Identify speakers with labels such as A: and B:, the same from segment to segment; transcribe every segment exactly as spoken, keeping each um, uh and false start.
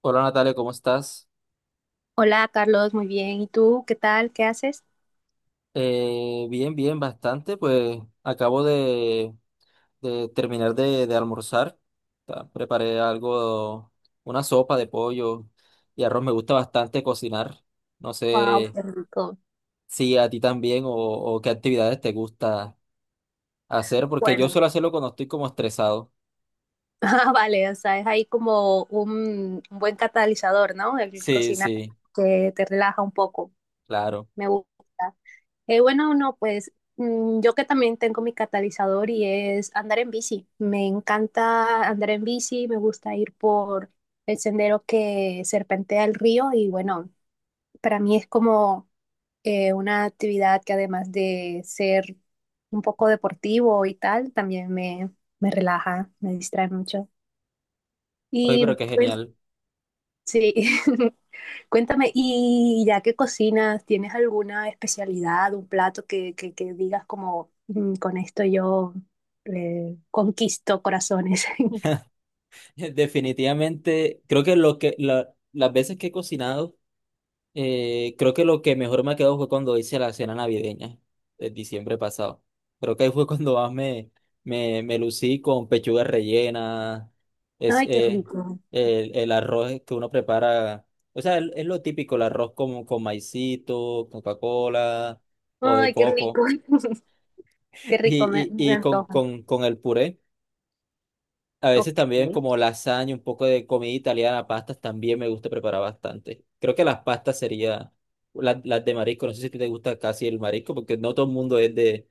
A: Hola Natalia, ¿cómo estás?
B: Hola Carlos, muy bien. ¿Y tú qué tal? ¿Qué haces?
A: Eh, bien, bien, bastante. Pues acabo de, de terminar de, de almorzar. Ta- Preparé algo, una sopa de pollo y arroz. Me gusta bastante cocinar. No
B: Wow,
A: sé
B: qué rico.
A: si a ti también o, o qué actividades te gusta hacer, porque yo
B: Bueno,
A: suelo hacerlo cuando estoy como estresado.
B: ah, vale, o sea, es ahí como un, un buen catalizador, ¿no? El
A: Sí,
B: cocinar
A: sí,
B: que te relaja un poco.
A: claro.
B: Me gusta. Eh, bueno, no, pues mm, yo que también tengo mi catalizador y es andar en bici. Me encanta andar en bici, me gusta ir por el sendero que serpentea el río y bueno, para mí es como eh, una actividad que además de ser un poco deportivo y tal, también me, me relaja, me distrae mucho.
A: Oye,
B: Y
A: pero qué
B: pues
A: genial.
B: sí, cuéntame, y ya que cocinas, ¿tienes alguna especialidad, un plato que, que, que digas como "Mm, con esto yo eh, conquisto corazones?"
A: Definitivamente, creo que lo que la- las veces que he cocinado. Eh, creo que lo que mejor me quedó fue cuando hice la cena navideña de diciembre pasado. Creo que ahí fue cuando más me, me, me lucí con pechuga rellena, es,
B: Ay, qué
A: eh,
B: rico.
A: el, el arroz que uno prepara. O sea, el- es lo típico, el arroz con, con maicito, Coca-Cola o de
B: Ay, qué
A: coco
B: rico. Qué rico, me,
A: y, y,
B: me
A: y con,
B: antoja.
A: con, con el puré. A
B: Ok.
A: veces también como lasaña, un poco de comida italiana, pastas también me gusta preparar bastante. Creo que las pastas sería las, las de marisco. No sé si a ti te gusta casi el marisco, porque no todo el mundo es de,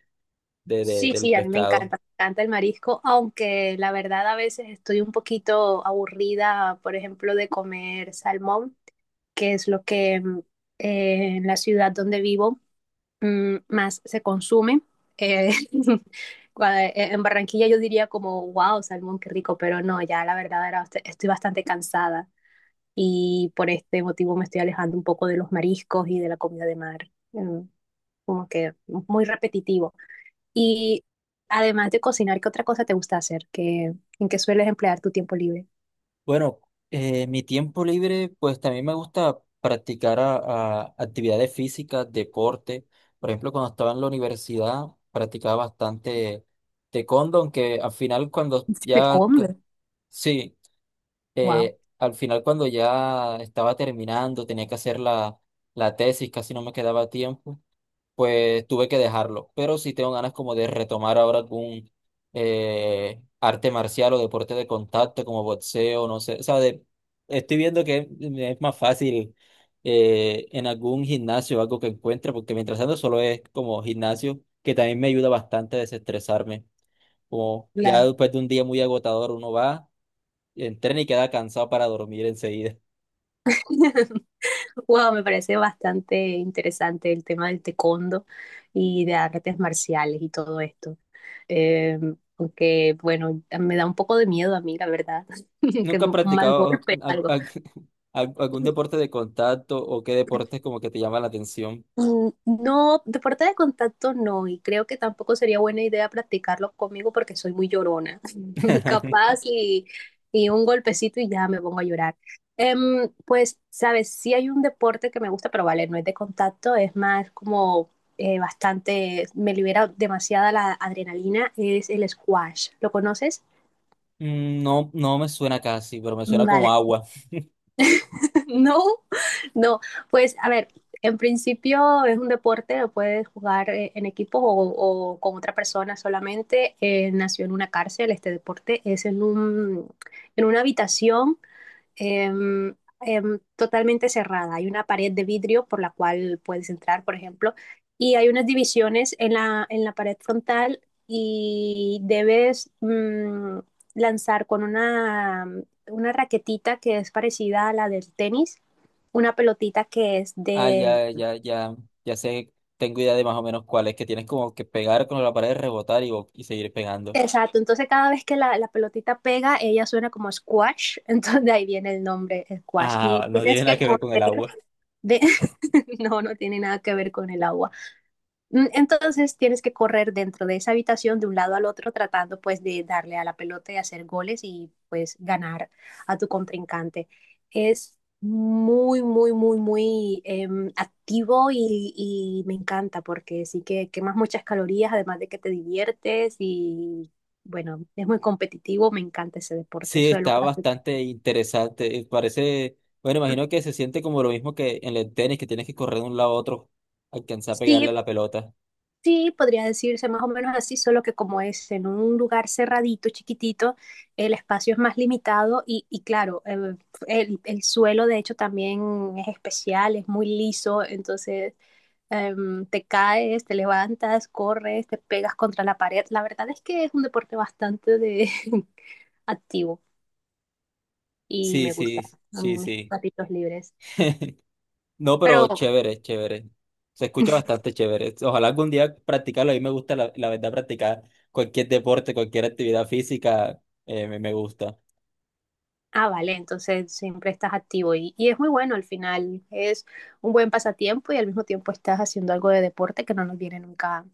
A: de, de-
B: Sí,
A: del
B: sí, a mí me
A: pescado.
B: encanta, me encanta el marisco, aunque la verdad a veces estoy un poquito aburrida, por ejemplo, de comer salmón, que es lo que mm, eh, en la ciudad donde vivo mm, más se consume. Eh, cua- eh, en Barranquilla yo diría como, wow, salmón, qué rico, pero no, ya la verdad era, bast- estoy bastante cansada y por este motivo me estoy alejando un poco de los mariscos y de la comida de mar. Mm, como que muy repetitivo. Y además de cocinar, ¿qué otra cosa te gusta hacer? ¿Qué, en qué sueles emplear tu tiempo libre?
A: Bueno, eh, mi tiempo libre, pues también me gusta practicar a- a actividades físicas, deporte. Por ejemplo, cuando estaba en la universidad, practicaba bastante taekwondo, aunque al final cuando
B: De
A: ya, co-
B: comer.
A: sí,
B: Wow.
A: eh, al final cuando ya estaba terminando, tenía que hacer la, la tesis, casi no me quedaba tiempo, pues tuve que dejarlo. Pero sí tengo ganas como de retomar ahora algún eh, arte marcial o deporte de contacto como boxeo, no sé. O sea, de- estoy viendo que me es más fácil eh, en algún gimnasio o algo que encuentre, porque mientras tanto solo es como gimnasio, que también me ayuda bastante a desestresarme. Como ya
B: La...
A: después de un día muy agotador uno va. Entrena y queda cansado para dormir enseguida.
B: Wow, me parece bastante interesante el tema del taekwondo y de artes marciales y todo esto. Eh, aunque, bueno, me da un poco de miedo a mí, la verdad, que
A: ¿Nunca has
B: un mal
A: practicado
B: golpe,
A: a-
B: algo.
A: a- al- algún deporte de contacto o qué deportes como que te llama la atención?
B: Mm, no, deporte de contacto no, y creo que tampoco sería buena idea practicarlo conmigo porque soy muy llorona, capaz y, y un golpecito y ya me pongo a llorar. Em, pues, sabes, sí hay un deporte que me gusta, pero vale, no es de contacto, es más como eh, bastante, me libera demasiada la adrenalina, es el squash. ¿Lo conoces?
A: Mm, no, no me suena casi, pero me suena como
B: Vale,
A: agua.
B: no, no, pues a ver, en principio es un deporte, lo puedes jugar eh, en equipo o, o con otra persona solamente. Eh, nació en una cárcel, este deporte es en un, en una habitación em, em, totalmente cerrada. Hay una pared de vidrio por la cual puedes entrar, por ejemplo, y hay unas divisiones en la, en la pared frontal y debes mm, lanzar con una, una raquetita que es parecida a la del tenis una pelotita que es
A: Ah,
B: de...
A: ya, ya, ya, ya sé, tengo idea de más o menos cuál es, que tienes como que pegar con la pared, rebotar y, bo- y seguir pegando.
B: Exacto, entonces cada vez que la, la pelotita pega, ella suena como squash, entonces de ahí viene el nombre squash. Y
A: Ah, no tiene
B: tienes
A: nada
B: que
A: que ver con el
B: correr
A: agua.
B: de... No, no tiene nada que ver con el agua. Mm, entonces tienes que correr dentro de esa habitación de un lado al otro tratando pues de darle a la pelota y hacer goles y pues ganar a tu contrincante. Es muy, muy, muy, muy em, activo y, y me encanta porque sí que quemas muchas calorías, además de que te diviertes y bueno, es muy competitivo, me encanta ese deporte,
A: Sí,
B: eso es lo
A: está
B: que hace
A: bastante
B: que...
A: interesante. eh, Parece, bueno, imagino que se siente como lo mismo que en el tenis, que tienes que correr de un lado a otro, alcanzar a pegarle
B: Sí,
A: a la pelota.
B: sí, podría decirse más o menos así, solo que como es en un lugar cerradito, chiquitito, el espacio es más limitado y, y claro, eh, el, el, suelo de hecho también es especial, es muy liso, entonces eh, te caes, te levantas, corres, te pegas contra la pared. La verdad es que es un deporte bastante de activo y
A: Sí,
B: me gusta
A: sí, sí,
B: en mis
A: sí.
B: ratitos libres.
A: No, pero
B: Pero
A: chévere, chévere. Se escucha bastante chévere. Ojalá algún día practicarlo. A mí me gusta, la, la verdad, practicar cualquier deporte, cualquier actividad física, eh, me, me gusta.
B: ah, vale, entonces siempre estás activo y, y es muy bueno al final, es un buen pasatiempo y al mismo tiempo estás haciendo algo de deporte que no nos viene nunca,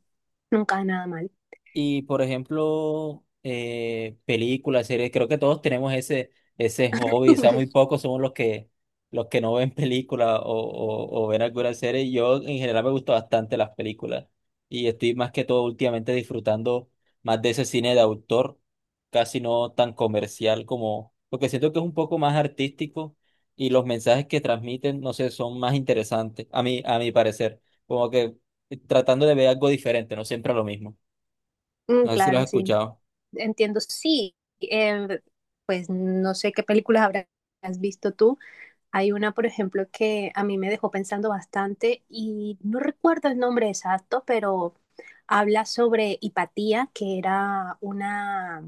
B: nunca nada mal.
A: Y por ejemplo, eh, películas, series, creo que todos tenemos ese, ese hobby, o sea, muy pocos somos los que, los que no ven películas o, o, o ven alguna serie. Yo en general me gustan bastante las películas y estoy más que todo últimamente disfrutando más de ese cine de autor, casi no tan comercial como, porque siento que es un poco más artístico y los mensajes que transmiten, no sé, son más interesantes, a mí, a mi parecer, como que eh, tratando de ver algo diferente, no siempre lo mismo.
B: Mm,
A: No sé si lo has
B: claro, sí,
A: escuchado.
B: entiendo, sí, eh, pues no sé qué películas habrás visto tú. Hay una, por ejemplo, que a mí me dejó pensando bastante y no recuerdo el nombre exacto, pero habla sobre Hipatía, que era una,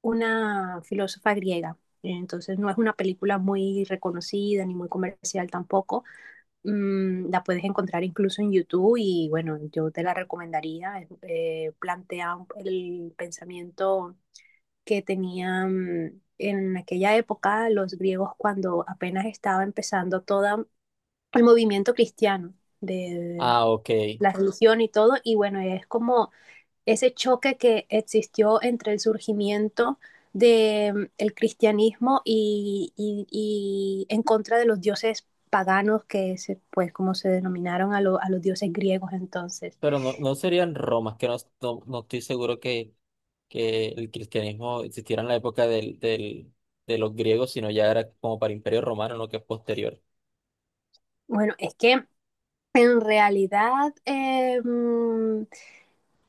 B: una filósofa griega. Entonces no es una película muy reconocida ni muy comercial tampoco. Mm, la puedes encontrar incluso en YouTube y bueno, yo te la recomendaría. Eh, plantea el pensamiento que tenían en aquella época los griegos cuando apenas estaba empezando todo el movimiento cristiano de
A: Ah, ok.
B: la religión y todo. Y bueno, es como ese choque que existió entre el surgimiento del el cristianismo y, y, y, en contra de los dioses paganos, que se, pues como se denominaron a, lo, a los dioses griegos entonces.
A: Pero no, no serían romas, que no, no, no estoy seguro que, que el cristianismo existiera en la época del, del, de los griegos, sino ya era como para Imperio Romano, lo que es posterior.
B: Bueno, es que en realidad eh, mm,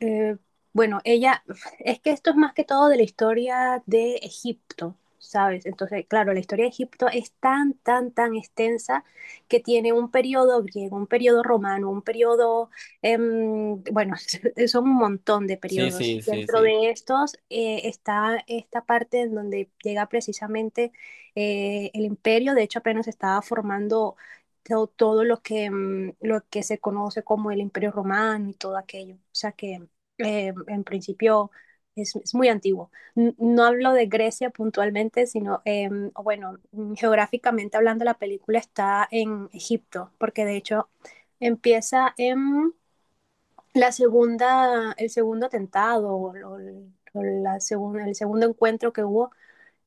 B: Eh, bueno, ella, es que esto es más que todo de la historia de Egipto, ¿sabes? Entonces, claro, la historia de Egipto es tan, tan, tan extensa que tiene un periodo griego, un periodo romano, un periodo, em, bueno, son un montón de
A: Sí,
B: periodos.
A: sí,
B: Y
A: sí,
B: dentro
A: sí.
B: de estos eh, está esta parte en donde llega precisamente eh, el imperio, de hecho apenas estaba formando to- todo, lo que, em, lo que se conoce como el imperio romano y todo aquello. O sea que eh, en principio es, es muy antiguo. N- No hablo de Grecia puntualmente, sino, eh, o bueno, geográficamente hablando, la película está en Egipto, porque de hecho empieza en la segunda, el segundo atentado o, o- o la segunda, el segundo encuentro que hubo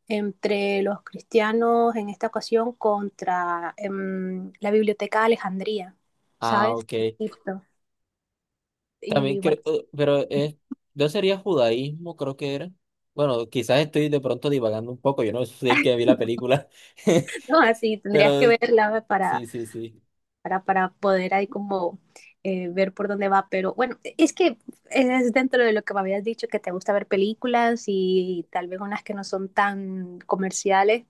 B: entre los cristianos en esta ocasión contra em, la Biblioteca de Alejandría,
A: Ah,
B: ¿sabes?
A: ok.
B: Egipto.
A: También
B: Y
A: creo,
B: bueno,
A: eh, pero es, no sería judaísmo, creo que era. Bueno, quizás estoy de pronto divagando un poco, yo no sé que vi la película,
B: no, así tendrías que
A: pero
B: verla para,
A: sí, sí, sí.
B: para, para poder ahí como eh, ver por dónde va, pero bueno, es que es dentro de lo que me habías dicho, que te gusta ver películas y tal vez unas que no son tan comerciales,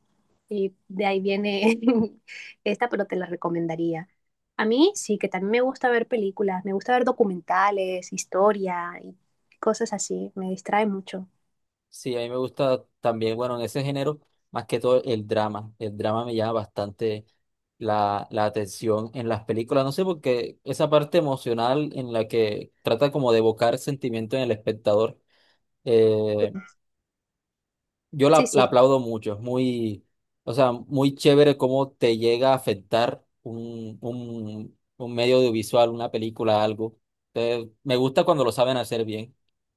B: y de ahí viene esta, pero te la recomendaría. A mí sí, que también me gusta ver películas, me gusta ver documentales, historia y cosas así, me distrae mucho.
A: Sí, a mí me gusta también, bueno, en ese género, más que todo el drama. El drama me llama bastante la, la atención en las películas. No sé, porque esa parte emocional en la que trata como de evocar sentimiento en el espectador, eh, yo
B: Sí,
A: la, la
B: sí,
A: aplaudo mucho. Es muy, o sea, muy chévere cómo te llega a afectar un, un, un medio audiovisual, una película, algo. Entonces, me gusta cuando lo saben hacer bien.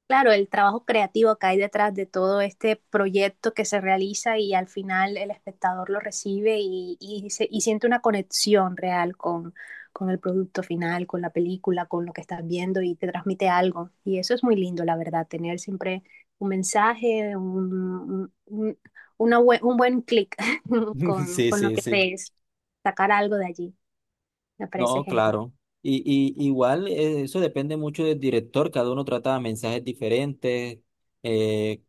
B: claro, el trabajo creativo que hay detrás de todo este proyecto que se realiza y al final el espectador lo recibe y, y, se- y siente una conexión real con, con el producto final, con la película, con lo que estás viendo y te transmite algo. Y eso es muy lindo, la verdad, tener siempre un mensaje, un, un- un- una bue- un buen clic con,
A: Sí,
B: con lo
A: sí,
B: que
A: sí.
B: ves, sacar algo de allí. Me parece
A: No,
B: genial.
A: claro. Y, y igual eh, eso depende mucho del director, cada uno trata mensajes diferentes, eh,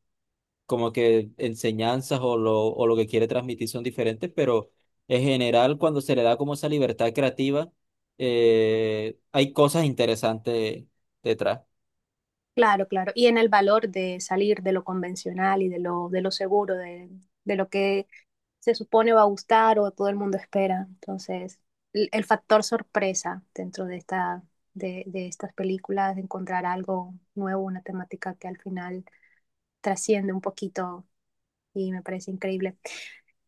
A: como que enseñanzas o lo, o lo que quiere transmitir son diferentes, pero en general cuando se le da como esa libertad creativa, eh, hay cosas interesantes detrás.
B: Claro, claro. Y en el valor de salir de lo convencional y de lo, de lo seguro, de, de lo que se supone va a gustar o todo el mundo espera. Entonces, el, el factor sorpresa dentro de esta, de, de estas películas, de encontrar algo nuevo, una temática que al final trasciende un poquito y me parece increíble.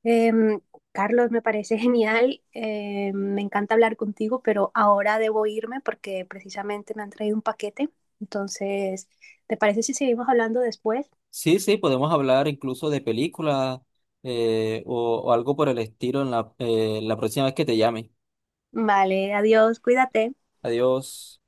B: Em, Carlos, me parece genial. Eh, me encanta hablar contigo, pero ahora debo irme porque precisamente me han traído un paquete. Entonces, ¿te parece si seguimos hablando después?
A: Sí, sí, podemos hablar incluso de películas eh, o, o algo por el estilo en la, eh, la próxima vez que te llame.
B: Vale, adiós, cuídate.
A: Adiós.